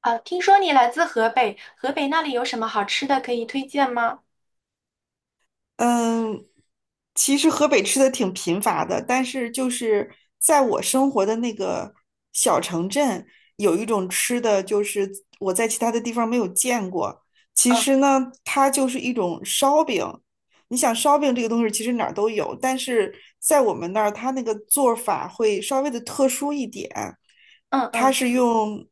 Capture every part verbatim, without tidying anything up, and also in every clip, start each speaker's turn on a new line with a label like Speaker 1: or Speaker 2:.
Speaker 1: 啊，听说你来自河北，河北那里有什么好吃的可以推荐吗？
Speaker 2: 嗯，其实河北吃的挺贫乏的，但是就是在我生活的那个小城镇，有一种吃的，就是我在其他的地方没有见过。其
Speaker 1: 嗯
Speaker 2: 实呢，它就是一种烧饼。你想烧饼这个东西，其实哪儿都有，但是在我们那儿，它那个做法会稍微的特殊一点。
Speaker 1: 嗯
Speaker 2: 它
Speaker 1: 嗯，
Speaker 2: 是用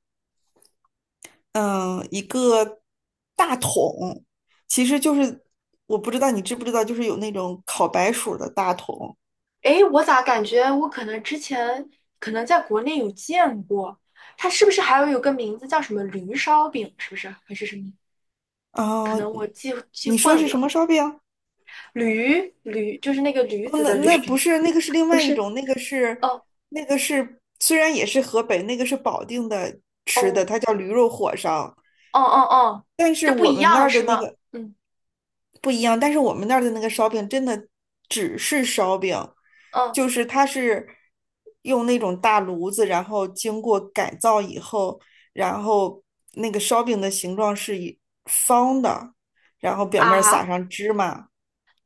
Speaker 2: 嗯，一个大桶，其实就是我不知道你知不知道，就是有那种烤白薯的大桶。
Speaker 1: 诶，我咋感觉我可能之前可能在国内有见过，它是不是还有有个名字叫什么驴烧饼？是不是还是什么？可
Speaker 2: 啊，
Speaker 1: 能我记记
Speaker 2: 你说是
Speaker 1: 混
Speaker 2: 什
Speaker 1: 了，
Speaker 2: 么烧饼？
Speaker 1: 驴驴就是那个驴
Speaker 2: 哦
Speaker 1: 子
Speaker 2: 那
Speaker 1: 的驴，
Speaker 2: 那不是，那个是 另
Speaker 1: 不
Speaker 2: 外一
Speaker 1: 是？
Speaker 2: 种，那个是
Speaker 1: 哦
Speaker 2: 那个是虽然也是河北，那个是保定的吃的，
Speaker 1: 哦
Speaker 2: 它叫驴肉火烧，
Speaker 1: 哦哦哦，
Speaker 2: 但是
Speaker 1: 这不
Speaker 2: 我
Speaker 1: 一
Speaker 2: 们那
Speaker 1: 样
Speaker 2: 儿
Speaker 1: 是
Speaker 2: 的那
Speaker 1: 吗？
Speaker 2: 个。
Speaker 1: 嗯
Speaker 2: 不一样，但是我们那儿的那个烧饼真的只是烧饼，
Speaker 1: 嗯
Speaker 2: 就是它是用那种大炉子，然后经过改造以后，然后那个烧饼的形状是以方的，然后表面撒
Speaker 1: 啊
Speaker 2: 上芝麻，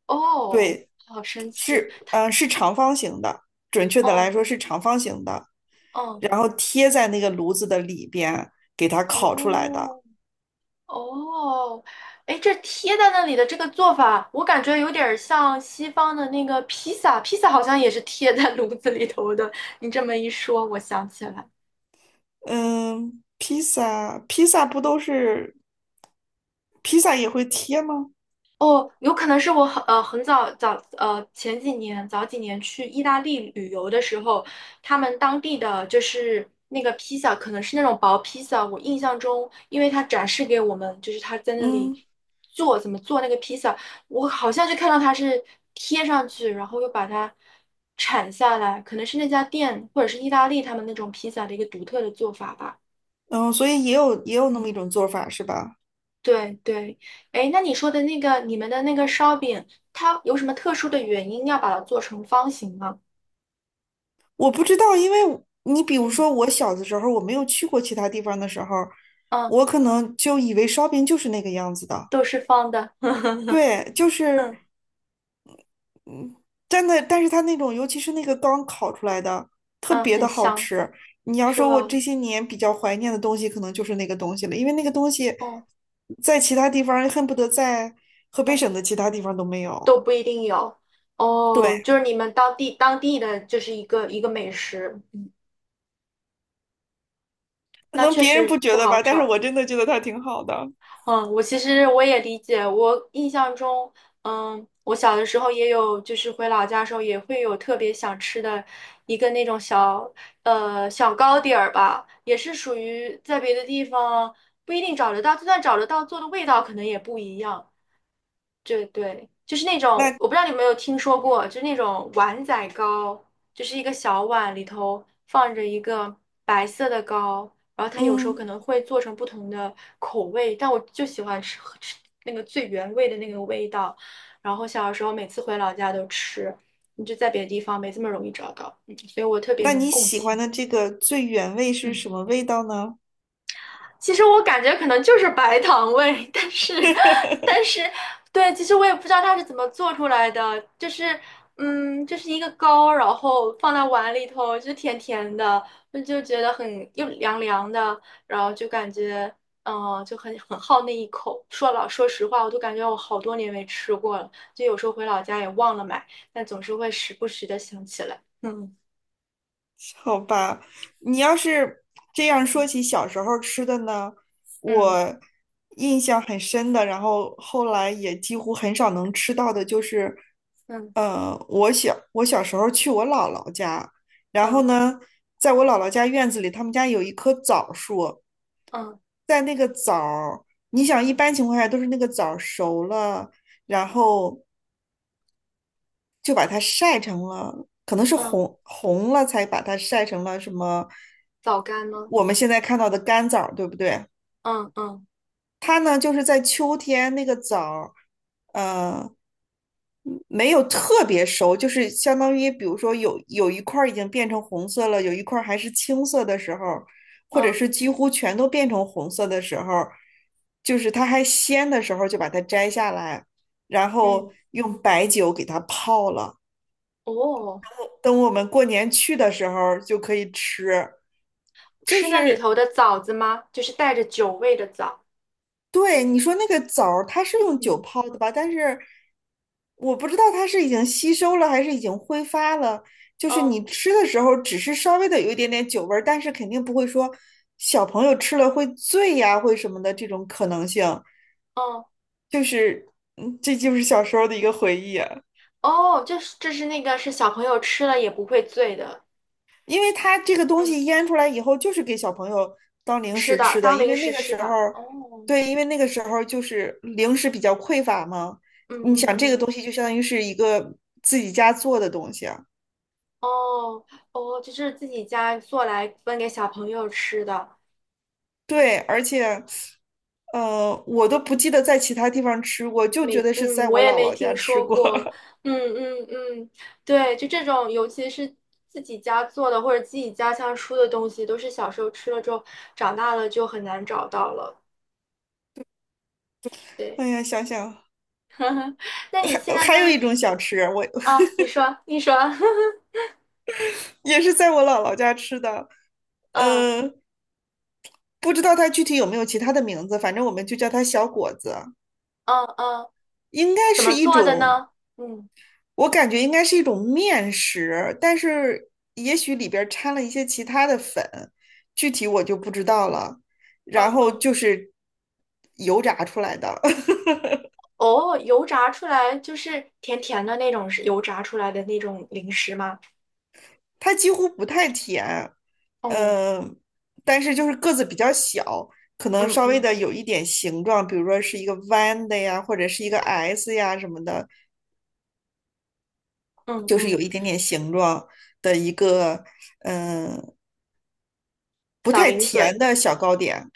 Speaker 1: 哦，
Speaker 2: 对，
Speaker 1: 好神奇
Speaker 2: 是嗯、呃是长方形的，准确的来
Speaker 1: 哦
Speaker 2: 说是长方形的，
Speaker 1: 哦
Speaker 2: 然后贴在那个炉子的里边给它烤出来的。
Speaker 1: 哦。哦，哎，这贴在那里的这个做法，我感觉有点儿像西方的那个披萨，披萨好像也是贴在炉子里头的。你这么一说，我想起来。
Speaker 2: 嗯，披萨披萨不都是披萨也会贴吗？
Speaker 1: 哦，有可能是我很呃很早早呃前几年早几年去意大利旅游的时候，他们当地的就是那个披萨，可能是那种薄披萨。我印象中，因为他展示给我们，就是他在那里
Speaker 2: 嗯
Speaker 1: 做怎么做那个披萨，我好像就看到他是贴上去，然后又把它铲下来，可能是那家店或者是意大利他们那种披萨的一个独特的做法吧。
Speaker 2: 嗯，所以也有也有那
Speaker 1: 嗯。
Speaker 2: 么一种做法是吧？
Speaker 1: 对对，哎，那你说的那个你们的那个烧饼，它有什么特殊的原因要把它做成方形吗？
Speaker 2: 我不知道，因为你比如
Speaker 1: 嗯
Speaker 2: 说我小的时候，我没有去过其他地方的时候，
Speaker 1: 嗯，
Speaker 2: 我可能就以为烧饼就是那个样子的。
Speaker 1: 都是方的，
Speaker 2: 对，就是
Speaker 1: 嗯
Speaker 2: 真的，但是它那种，尤其是那个刚烤出来的，特
Speaker 1: 嗯，
Speaker 2: 别
Speaker 1: 很
Speaker 2: 的好
Speaker 1: 香，
Speaker 2: 吃。你要
Speaker 1: 是
Speaker 2: 说我
Speaker 1: 吧？
Speaker 2: 这些年比较怀念的东西，可能就是那个东西了，因为那个东西
Speaker 1: 嗯
Speaker 2: 在其他地方恨不得在河北
Speaker 1: 嗯，
Speaker 2: 省的其他地方都没有。
Speaker 1: 都不一定有
Speaker 2: 对，
Speaker 1: 哦，就是你们当地当地的就是一个一个美食，
Speaker 2: 可
Speaker 1: 那
Speaker 2: 能
Speaker 1: 确
Speaker 2: 别人
Speaker 1: 实
Speaker 2: 不觉
Speaker 1: 不
Speaker 2: 得
Speaker 1: 好
Speaker 2: 吧，但是
Speaker 1: 找。
Speaker 2: 我真的觉得它挺好的。
Speaker 1: 嗯，我其实我也理解。我印象中，嗯，我小的时候也有，就是回老家的时候也会有特别想吃的一个那种小，呃，小糕点儿吧，也是属于在别的地方不一定找得到，就算找得到，做的味道可能也不一样。对对，就是那种，
Speaker 2: 那
Speaker 1: 我不知道你有没有听说过，就是那种碗仔糕，就是一个小碗里头放着一个白色的糕，然后它有时候
Speaker 2: 嗯，
Speaker 1: 可能会做成不同的口味，但我就喜欢吃吃那个最原味的那个味道。然后小的时候每次回老家都吃，你就在别的地方没这么容易找到，嗯，所以我特别
Speaker 2: 那
Speaker 1: 能
Speaker 2: 你
Speaker 1: 共
Speaker 2: 喜
Speaker 1: 情。
Speaker 2: 欢的这个最原味是
Speaker 1: 嗯。
Speaker 2: 什么味道呢？
Speaker 1: 其实我感觉可能就是白糖味，但是，但是，对，其实我也不知道它是怎么做出来的，就是，嗯，就是一个糕，然后放在碗里头，就甜甜的，我就觉得很又凉凉的，然后就感觉，嗯、就很很好那一口。说老说实话，我都感觉我好多年没吃过了，就有时候回老家也忘了买，但总是会时不时的想起来。嗯
Speaker 2: 好吧，你要是这样说起小时候吃的呢，
Speaker 1: 嗯
Speaker 2: 我印象很深的，然后后来也几乎很少能吃到的，就是，
Speaker 1: 嗯
Speaker 2: 呃，我小我小时候去我姥姥家，然后
Speaker 1: 嗯
Speaker 2: 呢，在我姥姥家院子里，他们家有一棵枣树，
Speaker 1: 嗯
Speaker 2: 在那个枣儿，你想一般情况下都是那个枣儿熟了，然后。就把它晒成了，可能是
Speaker 1: 嗯，
Speaker 2: 红红了才把它晒成了什么
Speaker 1: 枣干吗？
Speaker 2: 我们现在看到的干枣儿对不对？
Speaker 1: 嗯嗯
Speaker 2: 它呢就是在秋天那个枣儿，呃，没有特别熟，就是相当于比如说有有一块儿已经变成红色了，有一块儿还是青色的时候，或者
Speaker 1: 嗯。
Speaker 2: 是几乎全都变成红色的时候，就是它还鲜的时候就把它摘下来，然
Speaker 1: 嗯，
Speaker 2: 后用白酒给它泡了。
Speaker 1: 哦，
Speaker 2: 等我们过年去的时候就可以吃。就
Speaker 1: 吃那里
Speaker 2: 是
Speaker 1: 头的枣子吗？就是带着酒味的枣。
Speaker 2: 对你说那个枣儿，它是用酒
Speaker 1: 嗯，
Speaker 2: 泡的吧？但是我不知道它是已经吸收了还是已经挥发了。就
Speaker 1: 嗯
Speaker 2: 是
Speaker 1: 哦，
Speaker 2: 你吃的时候，只是稍微的有一点点酒味儿，但是肯定不会说小朋友吃了会醉呀、会什么的这种可能性。
Speaker 1: 哦，
Speaker 2: 就是，嗯，这就是小时候的一个回忆啊。
Speaker 1: 哦，这是这是那个是小朋友吃了也不会醉的。
Speaker 2: 因为它这个东
Speaker 1: 嗯，
Speaker 2: 西腌出来以后，就是给小朋友当零
Speaker 1: 吃
Speaker 2: 食
Speaker 1: 的，
Speaker 2: 吃的。
Speaker 1: 当
Speaker 2: 因
Speaker 1: 零
Speaker 2: 为那
Speaker 1: 食
Speaker 2: 个
Speaker 1: 吃
Speaker 2: 时候，
Speaker 1: 的。哦，
Speaker 2: 对，因为那个时候就是零食比较匮乏嘛。
Speaker 1: 嗯
Speaker 2: 你
Speaker 1: 嗯
Speaker 2: 想，这个
Speaker 1: 嗯，
Speaker 2: 东西就相当于是一个自己家做的东西啊。
Speaker 1: 哦哦，就是自己家做来分给小朋友吃的。
Speaker 2: 对，而且，呃，我都不记得在其他地方吃过，就
Speaker 1: 没，
Speaker 2: 觉得是
Speaker 1: 嗯，
Speaker 2: 在
Speaker 1: 我
Speaker 2: 我
Speaker 1: 也
Speaker 2: 姥
Speaker 1: 没
Speaker 2: 姥家
Speaker 1: 听
Speaker 2: 吃
Speaker 1: 说
Speaker 2: 过。
Speaker 1: 过，嗯嗯嗯，对，就这种，尤其是自己家做的或者自己家乡出的东西，都是小时候吃了之后，长大了就很难找到了。对，
Speaker 2: 哎呀，想想
Speaker 1: 那你现
Speaker 2: 还
Speaker 1: 在
Speaker 2: 还有一
Speaker 1: 在
Speaker 2: 种小吃，我
Speaker 1: 啊？你说，你说，
Speaker 2: 也是在我姥姥家吃的。
Speaker 1: 嗯
Speaker 2: 呃，不知道它具体有没有其他的名字，反正我们就叫它小果子。
Speaker 1: 嗯嗯，
Speaker 2: 应该
Speaker 1: 怎
Speaker 2: 是
Speaker 1: 么
Speaker 2: 一
Speaker 1: 做的
Speaker 2: 种，
Speaker 1: 呢？嗯
Speaker 2: 我感觉应该是一种面食，但是也许里边儿掺了一些其他的粉，具体我就不知道了。然
Speaker 1: 嗯
Speaker 2: 后
Speaker 1: 嗯，
Speaker 2: 就是油炸出来的，
Speaker 1: 哦，油炸出来就是甜甜的那种，是油炸出来的那种零食吗？
Speaker 2: 它几乎不太甜，
Speaker 1: 哦，
Speaker 2: 嗯、但是就是个子比较小，可能
Speaker 1: 嗯
Speaker 2: 稍微
Speaker 1: 嗯
Speaker 2: 的有一点形状，比如说是一个弯的呀，或者是一个 S 呀什么的，
Speaker 1: 嗯
Speaker 2: 就是
Speaker 1: 嗯，
Speaker 2: 有一点点形状的一个，嗯、不
Speaker 1: 小
Speaker 2: 太
Speaker 1: 零
Speaker 2: 甜
Speaker 1: 嘴。
Speaker 2: 的小糕点。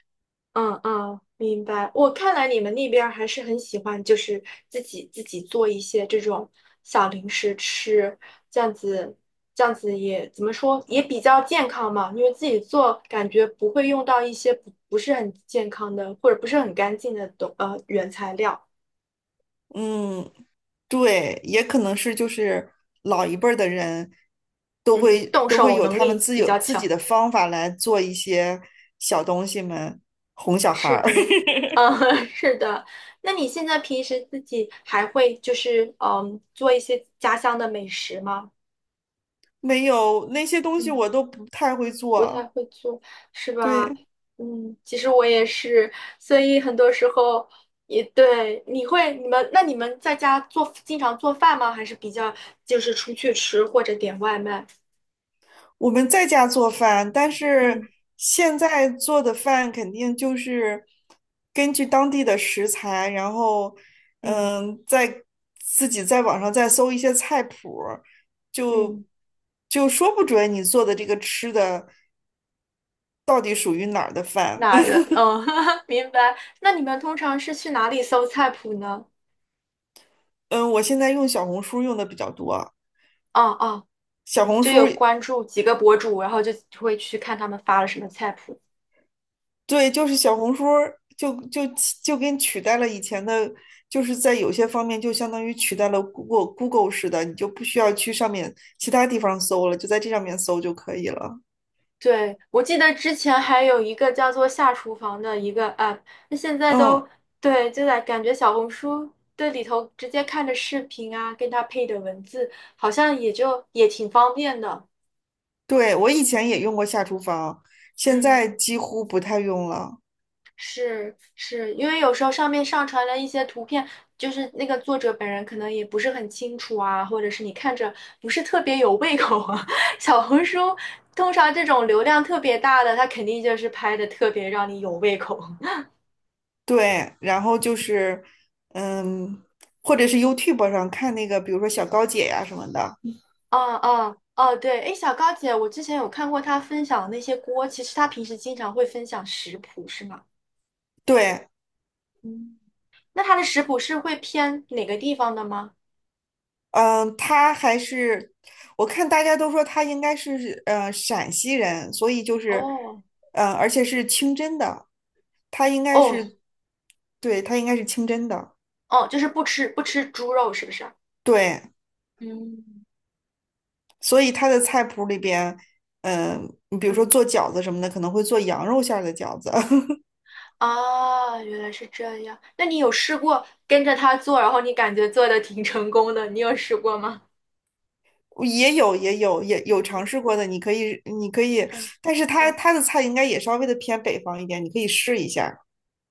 Speaker 1: 嗯嗯，明白。我看来你们那边儿还是很喜欢，就是自己自己做一些这种小零食吃，这样子，这样子也怎么说，也比较健康嘛。因为自己做，感觉不会用到一些不不是很健康的，或者不是很干净的东呃原材料。
Speaker 2: 嗯，对，也可能是就是老一辈儿的人都
Speaker 1: 嗯，
Speaker 2: 会
Speaker 1: 动
Speaker 2: 都会
Speaker 1: 手
Speaker 2: 有
Speaker 1: 能
Speaker 2: 他们
Speaker 1: 力
Speaker 2: 自
Speaker 1: 比
Speaker 2: 有
Speaker 1: 较
Speaker 2: 自己
Speaker 1: 强。
Speaker 2: 的方法来做一些小东西们哄小孩
Speaker 1: 是
Speaker 2: 儿，
Speaker 1: 的，嗯，是的。那你现在平时自己还会就是嗯做一些家乡的美食吗？
Speaker 2: 没有那些东西
Speaker 1: 嗯。
Speaker 2: 我都不太会
Speaker 1: 不太
Speaker 2: 做。
Speaker 1: 会做，是吧？
Speaker 2: 对，
Speaker 1: 嗯，其实我也是，所以很多时候也对，你会，你们，那你们在家做，经常做饭吗？还是比较就是出去吃或者点外卖？
Speaker 2: 我们在家做饭，但是
Speaker 1: 嗯
Speaker 2: 现在做的饭肯定就是根据当地的食材，然后
Speaker 1: 嗯，
Speaker 2: 嗯，在自己在网上再搜一些菜谱儿就
Speaker 1: 嗯，
Speaker 2: 就说不准你做的这个吃的到底属于哪儿的饭。
Speaker 1: 哪个？嗯，明白。那你们通常是去哪里搜菜谱呢？
Speaker 2: 嗯，我现在用小红书用的比较多，
Speaker 1: 哦哦，
Speaker 2: 小红
Speaker 1: 就有
Speaker 2: 书
Speaker 1: 关注几个博主，然后就会去看他们发了什么菜谱。
Speaker 2: 对，就是小红书儿就就就跟取代了以前的，就是在有些方面就相当于取代了 Google Google 似的，你就不需要去上面其他地方搜了，就在这上面搜就可以了。
Speaker 1: 对，我记得之前还有一个叫做“下厨房”的一个 app，那现在
Speaker 2: 嗯，
Speaker 1: 都对，就在感觉小红书这里头直接看着视频啊，跟它配的文字，好像也就也挺方便的。
Speaker 2: 对，我以前也用过下厨房，现
Speaker 1: 嗯，
Speaker 2: 在几乎不太用了。
Speaker 1: 是是，因为有时候上面上传了一些图片，就是那个作者本人可能也不是很清楚啊，或者是你看着不是特别有胃口啊。小红书通常这种流量特别大的，它肯定就是拍的特别让你有胃口。
Speaker 2: 对，然后就是，嗯，或者是 YouTube 上看那个，比如说小高姐呀什么的。
Speaker 1: 哦哦哦，对，哎，小高姐，我之前有看过她分享的那些锅，其实她平时经常会分享食谱，是吗？
Speaker 2: 对，
Speaker 1: 嗯，那她的食谱是会偏哪个地方的吗？
Speaker 2: 嗯，他还是我看大家都说他应该是呃陕西人，所以就是
Speaker 1: 哦
Speaker 2: 呃，而且是清真的，他应该
Speaker 1: 哦
Speaker 2: 是对，他应该是清真的，
Speaker 1: 哦，就是不吃不吃猪肉，是不是？
Speaker 2: 对，
Speaker 1: 嗯
Speaker 2: 所以他的菜谱里边，嗯、你比如说
Speaker 1: 嗯，
Speaker 2: 做饺子什么的，可能会做羊肉馅儿的饺子，
Speaker 1: 啊，原来是这样。那你有试过跟着她做，然后你感觉做的挺成功的，你有试过吗？
Speaker 2: 也有也有也有
Speaker 1: 嗯
Speaker 2: 尝
Speaker 1: 嗯
Speaker 2: 试过的，你可以你可以，
Speaker 1: 嗯
Speaker 2: 但是他
Speaker 1: 嗯。
Speaker 2: 他的菜应该也稍微的偏北方一点，你可以试一下。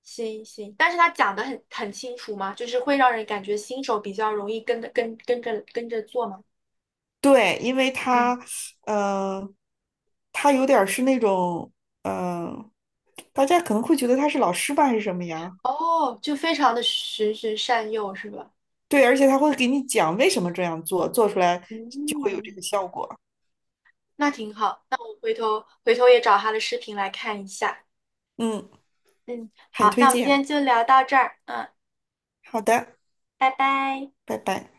Speaker 1: 行行，但是他讲的很很清楚嘛，就是会让人感觉新手比较容易跟着跟跟着跟着做嘛。
Speaker 2: 对，因为
Speaker 1: 嗯，
Speaker 2: 他，嗯，他有点儿是那种，嗯，大家可能会觉得他是老师吧，还是什么呀？
Speaker 1: 哦，就非常的循循善诱是吧？
Speaker 2: 对，而且他会给你讲为什么这样做，做出来就会有这
Speaker 1: 嗯，
Speaker 2: 个效果。
Speaker 1: 那挺好，那我回头回头也找他的视频来看一下。
Speaker 2: 嗯，
Speaker 1: 嗯，
Speaker 2: 很
Speaker 1: 好，
Speaker 2: 推
Speaker 1: 那我们今
Speaker 2: 荐。
Speaker 1: 天就聊到这儿，嗯，
Speaker 2: 好的，
Speaker 1: 拜拜。
Speaker 2: 拜拜。